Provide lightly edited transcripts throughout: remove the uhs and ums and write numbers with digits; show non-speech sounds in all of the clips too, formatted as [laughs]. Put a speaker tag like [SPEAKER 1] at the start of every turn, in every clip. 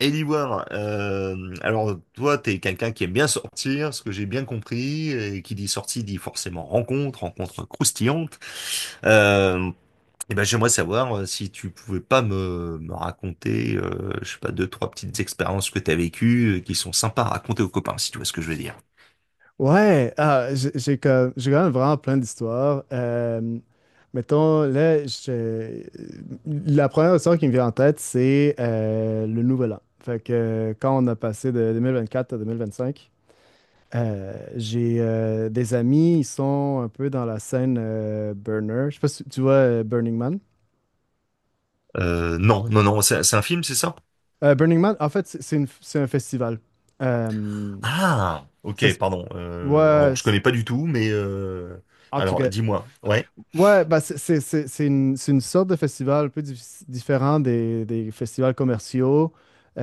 [SPEAKER 1] Eliwar, alors toi, t'es quelqu'un qui aime bien sortir, ce que j'ai bien compris, et qui dit sortie dit forcément rencontre, rencontre croustillante. Euh, et ben j'aimerais savoir si tu pouvais pas me raconter, je sais pas, deux, trois petites expériences que t'as vécues, qui sont sympas à raconter aux copains, si tu vois ce que je veux dire.
[SPEAKER 2] Ouais, ah, j'ai quand même vraiment plein d'histoires. Mettons, là, la première histoire qui me vient en tête, c'est le Nouvel An. Fait que quand on a passé de 2024 à 2025, j'ai des amis, ils sont un peu dans la scène Burner. Je sais pas si tu vois Burning Man.
[SPEAKER 1] Non, non, non, c'est un film, c'est ça?
[SPEAKER 2] Burning Man, en fait, c'est un festival. Euh,
[SPEAKER 1] Ah,
[SPEAKER 2] ça
[SPEAKER 1] ok,
[SPEAKER 2] se-
[SPEAKER 1] pardon.
[SPEAKER 2] ouais,
[SPEAKER 1] Alors, je connais pas du tout, mais
[SPEAKER 2] en tout
[SPEAKER 1] alors
[SPEAKER 2] cas.
[SPEAKER 1] dis-moi. Ouais.
[SPEAKER 2] Ouais, bah c'est une sorte de festival un peu différent des festivals commerciaux.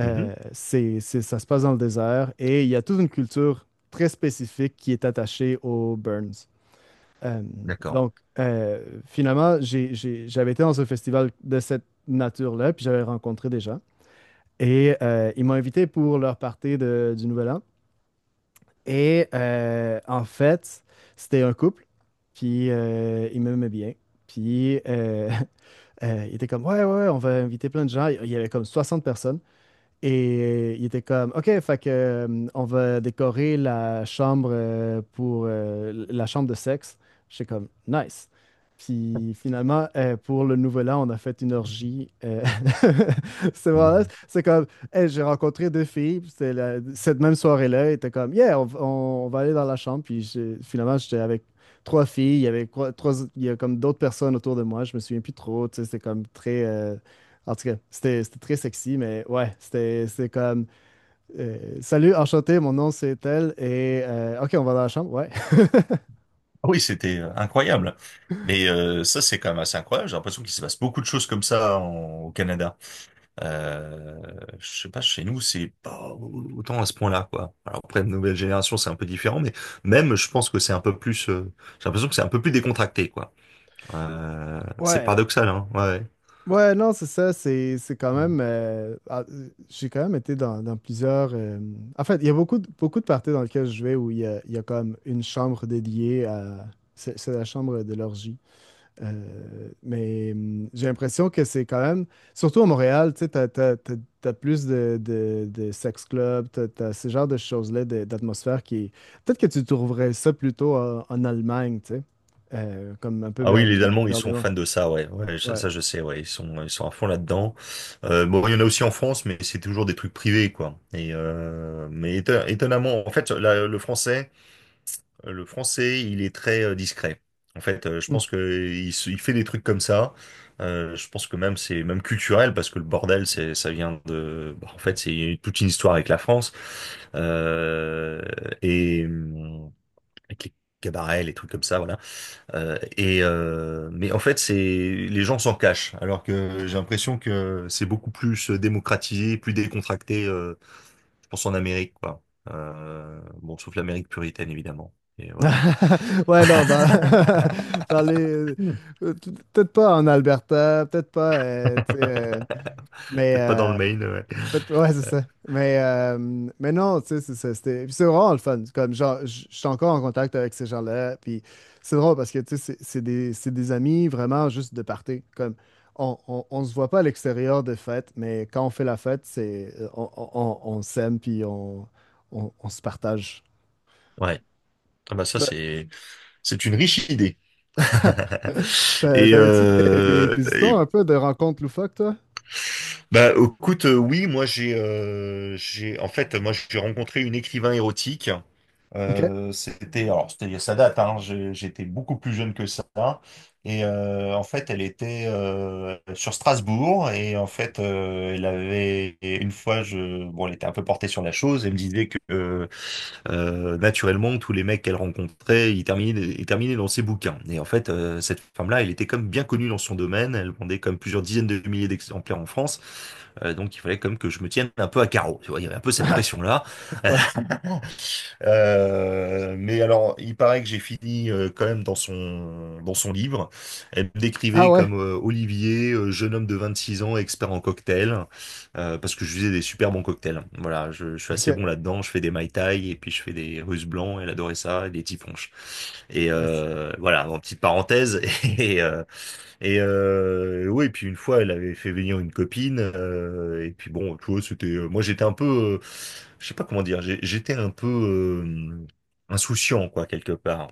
[SPEAKER 1] Mhm,
[SPEAKER 2] c'est, c'est- Ça se passe dans le désert et il y a toute une culture très spécifique qui est attachée aux burns. Euh,
[SPEAKER 1] d'accord.
[SPEAKER 2] donc, finalement, j'avais été dans un festival de cette nature-là, puis j'avais rencontré des gens. Et ils m'ont invité pour leur party du Nouvel An. Et en fait, c'était un couple, puis ils m'aimaient bien. Puis, [laughs] Il était comme, ouais, ouais, ouais, on va inviter plein de gens. Il y avait comme 60 personnes. Et il était comme, OK, fait que, on va décorer la chambre pour la chambre de sexe. J'étais comme, nice. Puis finalement, pour le nouvel an, on a fait une orgie. [laughs] C'est vraiment nice. C'est comme, hey, j'ai rencontré deux filles. Puis c'est cette même soirée-là, il était comme, yeah, on va aller dans la chambre. Puis finalement, j'étais avec trois filles. Il y avait trois, il y a comme d'autres personnes autour de moi. Je me souviens plus trop. Tu sais, c'est comme très. Euh, en tout cas, c'était très sexy, mais ouais, c'était comme Salut, enchanté, mon nom c'est tel et OK, on va dans la chambre. Ouais. [laughs]
[SPEAKER 1] Ah oui, c'était incroyable. Mais ça, c'est quand même assez incroyable. J'ai l'impression qu'il se passe beaucoup de choses comme ça au Canada. Euh, je sais pas, chez nous, c'est pas autant à ce point-là, quoi. Alors après, de nouvelle génération, c'est un peu différent, mais même, je pense que c'est un peu plus. J'ai l'impression que c'est un peu plus décontracté, quoi. C'est
[SPEAKER 2] Ouais.
[SPEAKER 1] paradoxal, hein. Ouais.
[SPEAKER 2] Ouais, non, c'est ça, c'est quand même ah, j'ai quand même été dans plusieurs en fait, il y a beaucoup de parties dans lesquelles je vais où il y a comme une chambre dédiée à. C'est la chambre de l'orgie. Mais j'ai l'impression que c'est quand même, surtout à Montréal, tu sais, t'as plus de sex clubs, t'as ce genre de choses-là, d'atmosphère qui. Peut-être que tu trouverais ça plutôt en Allemagne, tu sais, comme un peu
[SPEAKER 1] Ah oui,
[SPEAKER 2] Berlin,
[SPEAKER 1] les Allemands, ils sont
[SPEAKER 2] berlinois.
[SPEAKER 1] fans de ça, ouais. Ouais, ça,
[SPEAKER 2] Ouais.
[SPEAKER 1] ça, je sais, ouais. Ils sont à fond là-dedans. Bon, il y en a aussi en France, mais c'est toujours des trucs privés, quoi. Et mais étonnamment, en fait, le français, il est très discret. En fait, je
[SPEAKER 2] Hmm.
[SPEAKER 1] pense que il fait des trucs comme ça. Je pense que même c'est même culturel parce que le bordel, c'est, ça vient de. Bah, en fait, c'est toute une histoire avec la France euh, et hum, avec les cabarets, les trucs comme ça. Voilà. Mais en fait, c'est les gens s'en cachent, alors que j'ai l'impression que c'est beaucoup plus démocratisé, plus décontracté, je pense en Amérique, quoi. Bon, sauf l'Amérique puritaine, évidemment. Et voilà.
[SPEAKER 2] [laughs] Ouais, non, [laughs] dans les.
[SPEAKER 1] [laughs]
[SPEAKER 2] Peut-être pas en Alberta, peut-être pas, tu sais, euh, mais.
[SPEAKER 1] Peut-être pas dans le Maine, ouais.
[SPEAKER 2] Ouais, c'est ça. Mais non, tu sais, c'est ça. C'était, puis c'est vraiment le fun. Comme, genre, je suis encore en contact avec ces gens-là. Puis c'est drôle parce que, tu sais, c'est des amis vraiment juste de party. Comme, on se voit pas à l'extérieur de fête, mais quand on fait la fête, c'est, on s'aime, puis on se partage.
[SPEAKER 1] Ouais. Ah bah ça,
[SPEAKER 2] Ouais.
[SPEAKER 1] c'est une riche idée. [laughs]
[SPEAKER 2] [laughs]
[SPEAKER 1] Et,
[SPEAKER 2] T'avais-tu des, des- des histoires un peu de rencontres loufoques, toi?
[SPEAKER 1] bah, écoute, oui, moi j'ai, en fait, moi j'ai rencontré une écrivain érotique.
[SPEAKER 2] OK.
[SPEAKER 1] C'était, alors c'était, ça date, hein, j'étais beaucoup plus jeune que ça. Et en fait, elle était sur Strasbourg et en fait, elle avait et une fois, bon, elle était un peu portée sur la chose. Elle me disait que naturellement, tous les mecs qu'elle rencontrait, ils terminaient dans ses bouquins. Et en fait, cette femme-là, elle était comme bien connue dans son domaine. Elle vendait comme plusieurs dizaines de milliers d'exemplaires en France. Donc, il fallait comme que je me tienne un peu à carreau. Tu vois, il y avait un peu cette
[SPEAKER 2] [laughs]
[SPEAKER 1] pression-là.
[SPEAKER 2] Ouais.
[SPEAKER 1] Mais alors, il paraît que j'ai fini quand même dans son livre. Elle me
[SPEAKER 2] Ah
[SPEAKER 1] décrivait
[SPEAKER 2] ouais?
[SPEAKER 1] comme Olivier, jeune homme de 26 ans, expert en cocktail parce que je faisais des super bons cocktails. Voilà, je suis assez
[SPEAKER 2] OK.
[SPEAKER 1] bon là-dedans. Je fais des Mai Tai et puis je fais des Russes blancs. Elle adorait ça et des typhonches. Et
[SPEAKER 2] Nice.
[SPEAKER 1] voilà, en petite parenthèse. [laughs] Et, euh, oui, et puis une fois, elle avait fait venir une copine. Et puis bon, tu vois, c'était. Moi, j'étais un peu, je sais pas comment dire. J'étais un peu insouciant, quoi, quelque part.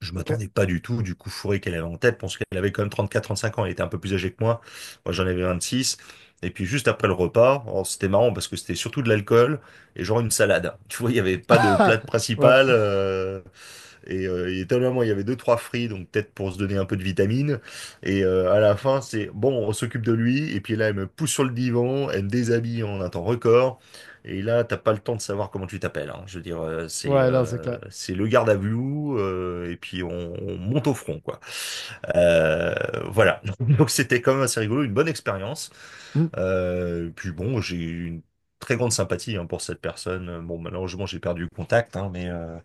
[SPEAKER 1] Je
[SPEAKER 2] OK.
[SPEAKER 1] m'attendais pas du tout du coup fourré qu'elle avait en tête. Je pense qu'elle avait quand même 34, 35 ans. Elle était un peu plus âgée que moi. Moi, j'en avais 26. Et puis juste après le repas, oh, c'était marrant parce que c'était surtout de l'alcool et genre une salade. Tu vois, il n'y avait pas de plat
[SPEAKER 2] [laughs] Ouais.
[SPEAKER 1] principal. Et étonnamment, il y avait deux, trois fris, donc peut-être pour se donner un peu de vitamine. Et à la fin, c'est bon, on s'occupe de lui. Et puis là, elle me pousse sur le divan, elle me déshabille en un temps record. Et là, t'as pas le temps de savoir comment tu t'appelles, hein. Je veux dire, c'est
[SPEAKER 2] Ouais, non, c'est
[SPEAKER 1] euh,
[SPEAKER 2] clair.
[SPEAKER 1] c'est le garde à vue et puis on monte au front, quoi. Euh, voilà. [laughs] Donc c'était quand même assez rigolo, une bonne expérience.
[SPEAKER 2] Mmh,
[SPEAKER 1] Puis bon, j'ai eu une très grande sympathie hein, pour cette personne. Bon, malheureusement, j'ai perdu le contact, hein, mais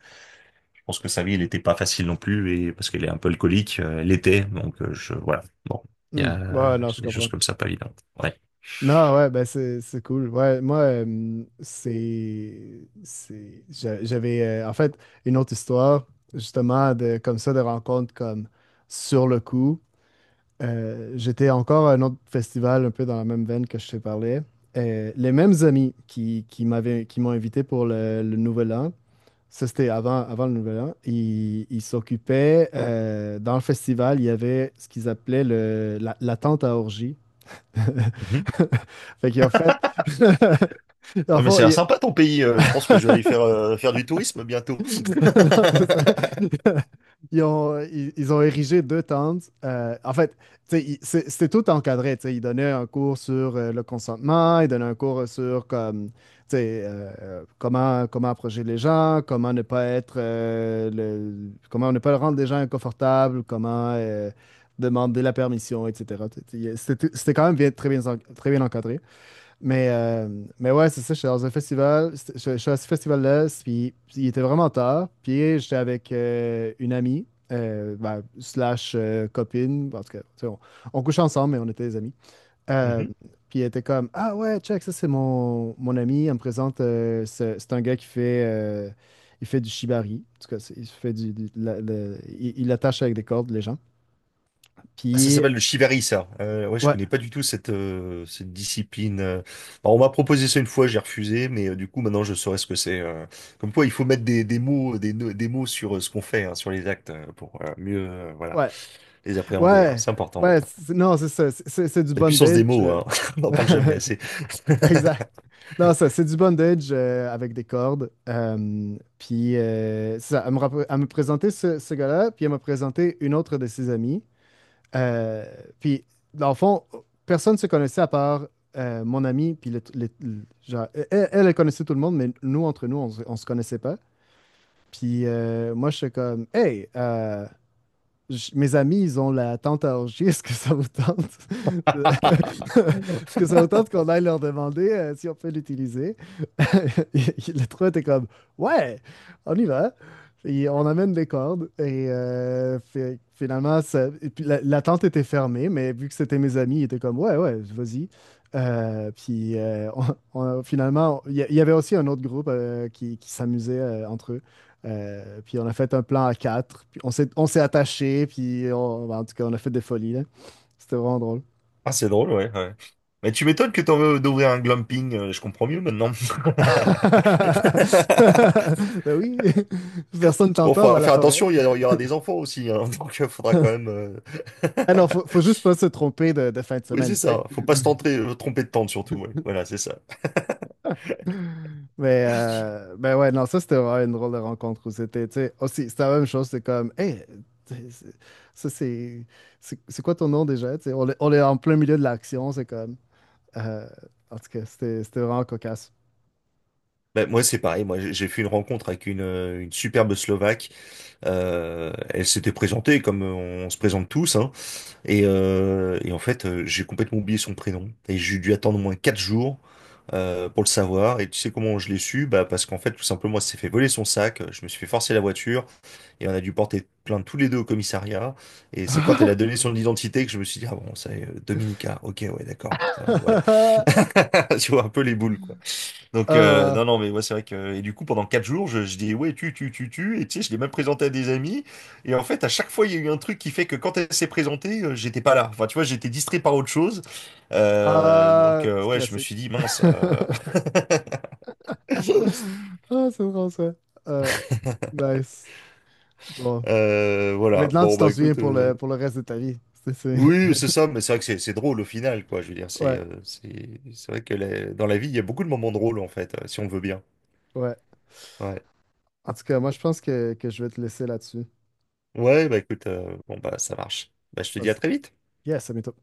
[SPEAKER 1] je pense que sa vie, elle n'était pas facile non plus, et parce qu'elle est un peu alcoolique, elle l'était, donc je voilà. Bon, il y
[SPEAKER 2] mmh. Ouais,
[SPEAKER 1] a
[SPEAKER 2] non, je
[SPEAKER 1] des choses
[SPEAKER 2] comprends.
[SPEAKER 1] comme ça pas évidentes. Ouais.
[SPEAKER 2] Non, ouais, ben c'est cool. Ouais, moi, J'avais en fait une autre histoire, justement, de, comme ça, de rencontres comme sur le coup. J'étais encore à un autre festival, un peu dans la même veine que je te parlais. Les mêmes amis qui m'ont invité pour le Nouvel An, ça c'était avant, avant le Nouvel An, ils s'occupaient, dans le festival, il y avait ce qu'ils appelaient la tente à orgie.
[SPEAKER 1] Mhm.
[SPEAKER 2] [laughs] Fait qu'ils fait. [laughs] Dans le
[SPEAKER 1] Ouais, mais
[SPEAKER 2] fond,
[SPEAKER 1] ça a l'air
[SPEAKER 2] ils.
[SPEAKER 1] sympa ton pays. Je pense que je vais aller faire, faire du tourisme
[SPEAKER 2] [laughs]
[SPEAKER 1] bientôt.
[SPEAKER 2] Non, c'est ça. [laughs]
[SPEAKER 1] [laughs]
[SPEAKER 2] Ils ont érigé deux tentes. En fait, tu sais, c'était tout encadré. Tu sais. Ils donnaient un cours sur le consentement, ils donnaient un cours sur comme, tu sais, comment approcher les gens, comment ne pas être, comment ne pas rendre les gens inconfortables, comment demander la permission, etc. Tu sais, c'était quand même très bien, très bien encadré. Mais, euh, mais ouais, c'est ça, j'étais dans un festival, je suis à ce festival-là, puis il était vraiment tard, puis j'étais avec une amie, ben, slash copine, en tout cas, tu sais, on couchait ensemble, mais on était des amis. Euh,
[SPEAKER 1] Mhm.
[SPEAKER 2] Puis elle était comme, ah ouais, check, ça c'est mon ami, elle me présente, c'est un gars qui fait, il fait du shibari, en tout cas, il fait il attache avec des cordes les gens.
[SPEAKER 1] Ah, ça
[SPEAKER 2] Puis,
[SPEAKER 1] s'appelle le shibari, ça. Ouais, je
[SPEAKER 2] ouais,
[SPEAKER 1] connais pas du tout cette, cette discipline. Alors, on m'a proposé ça une fois, j'ai refusé, mais du coup, maintenant, je saurais ce que c'est. Comme quoi, il faut mettre des mots, sur ce qu'on fait, hein, sur les actes, pour mieux, voilà,
[SPEAKER 2] ouais,
[SPEAKER 1] les appréhender, hein.
[SPEAKER 2] ouais,
[SPEAKER 1] C'est important.
[SPEAKER 2] ouais, non, c'est ça. C'est du
[SPEAKER 1] La puissance des
[SPEAKER 2] bondage.
[SPEAKER 1] mots, hein. [laughs] On n'en parle jamais assez.
[SPEAKER 2] [laughs] Exact.
[SPEAKER 1] [laughs]
[SPEAKER 2] Non, ça, c'est du bondage avec des cordes. Puis, c'est ça, elle me présentait ce gars-là, puis elle m'a présenté une autre de ses amies. Euh, Puis, dans le fond, personne ne se connaissait à part mon ami. Puis, genre, elle connaissait tout le monde, mais nous, entre nous, on se connaissait pas. Puis, moi, je suis comme, hey, mes amis, ils ont la tente à orgie. Est-ce que ça vous tente? de- [laughs] Est-ce que ça vous tente qu'on aille leur demander si on peut l'utiliser? [laughs] Et- Les trois étaient comme, ouais, on y va. Et on amène des cordes. Et finalement, et puis la tente était fermée, mais vu que c'était mes amis, ils étaient comme, ouais, ouais, vas-y. Puis finalement, il y avait aussi un autre groupe qui s'amusait entre eux. Puis on a fait un plan à quatre. Puis on s'est attaché, puis ben, en tout cas, on a fait des folies, là. C'était vraiment drôle.
[SPEAKER 1] Ah, c'est drôle, ouais, ouais. Mais tu m'étonnes que t'en veux d'ouvrir un glamping, je comprends mieux maintenant. [laughs]
[SPEAKER 2] [laughs] Ben oui, [laughs] personne
[SPEAKER 1] Bon,
[SPEAKER 2] t'entend
[SPEAKER 1] faut
[SPEAKER 2] dans la
[SPEAKER 1] faire
[SPEAKER 2] forêt.
[SPEAKER 1] attention, il y aura des enfants aussi, hein, [laughs] donc il faudra quand
[SPEAKER 2] [laughs]
[SPEAKER 1] même...
[SPEAKER 2] Ah non,
[SPEAKER 1] [laughs]
[SPEAKER 2] faut juste pas se tromper de fin de
[SPEAKER 1] Oui, c'est
[SPEAKER 2] semaine, tu sais.
[SPEAKER 1] ça, faut pas se tenter, tromper de tente surtout, ouais. Voilà, c'est ça.
[SPEAKER 2] Mais ben ouais, non, ça c'était vraiment une drôle de rencontre où c'était, tu sais, aussi, c'était la même chose, c'est comme, hey, tu sais, ça c'est, c'est quoi ton nom déjà? Tu sais, on est en plein milieu de l'action, c'est comme, euh, en tout cas, c'était vraiment cocasse.
[SPEAKER 1] Ben, moi, c'est pareil, moi, j'ai fait une rencontre avec une superbe Slovaque. Elle s'était présentée comme on se présente tous, hein. Et en fait, j'ai complètement oublié son prénom. Et j'ai dû attendre au moins 4 jours pour le savoir. Et tu sais comment je l'ai su? Bah, parce qu'en fait, tout simplement, elle s'est fait voler son sac. Je me suis fait forcer la voiture. Et on a dû porter plainte tous les deux au commissariat. Et c'est quand elle a
[SPEAKER 2] [laughs]
[SPEAKER 1] donné son identité que je me suis dit, ah bon, c'est Dominica. Ok, ouais, d'accord. Voilà.
[SPEAKER 2] [laughs]
[SPEAKER 1] [laughs] Tu vois, un peu les boules, quoi. Donc
[SPEAKER 2] Ah,
[SPEAKER 1] non
[SPEAKER 2] ah,
[SPEAKER 1] non mais ouais c'est vrai que et du coup pendant 4 jours je dis ouais tu et tu sais je l'ai même présenté à des amis et en fait à chaque fois il y a eu un truc qui fait que quand elle s'est présentée j'étais pas là enfin tu vois j'étais distrait par autre chose. Donc
[SPEAKER 2] ah,
[SPEAKER 1] ouais je me suis
[SPEAKER 2] classique.
[SPEAKER 1] dit mince
[SPEAKER 2] [laughs] Ah, c'est drôle ça. Ah, nice. Bon.
[SPEAKER 1] [laughs]
[SPEAKER 2] Et
[SPEAKER 1] voilà
[SPEAKER 2] maintenant, tu
[SPEAKER 1] bon
[SPEAKER 2] t'en
[SPEAKER 1] bah
[SPEAKER 2] souviens
[SPEAKER 1] écoute
[SPEAKER 2] pour le reste de ta vie. C'est, c'est-
[SPEAKER 1] oui c'est
[SPEAKER 2] [laughs]
[SPEAKER 1] ça mais c'est vrai que c'est drôle au final quoi je veux dire c'est
[SPEAKER 2] Ouais,
[SPEAKER 1] euh, c'est c'est vrai que dans la vie il y a beaucoup de moments drôles en fait si on le veut bien.
[SPEAKER 2] ouais.
[SPEAKER 1] Ouais.
[SPEAKER 2] En tout cas, moi, je pense que je vais te laisser là-dessus.
[SPEAKER 1] Ouais, bah écoute bon bah ça marche, bah je
[SPEAKER 2] Je
[SPEAKER 1] te dis à
[SPEAKER 2] pense.
[SPEAKER 1] très vite.
[SPEAKER 2] Yes, ça m'étonne.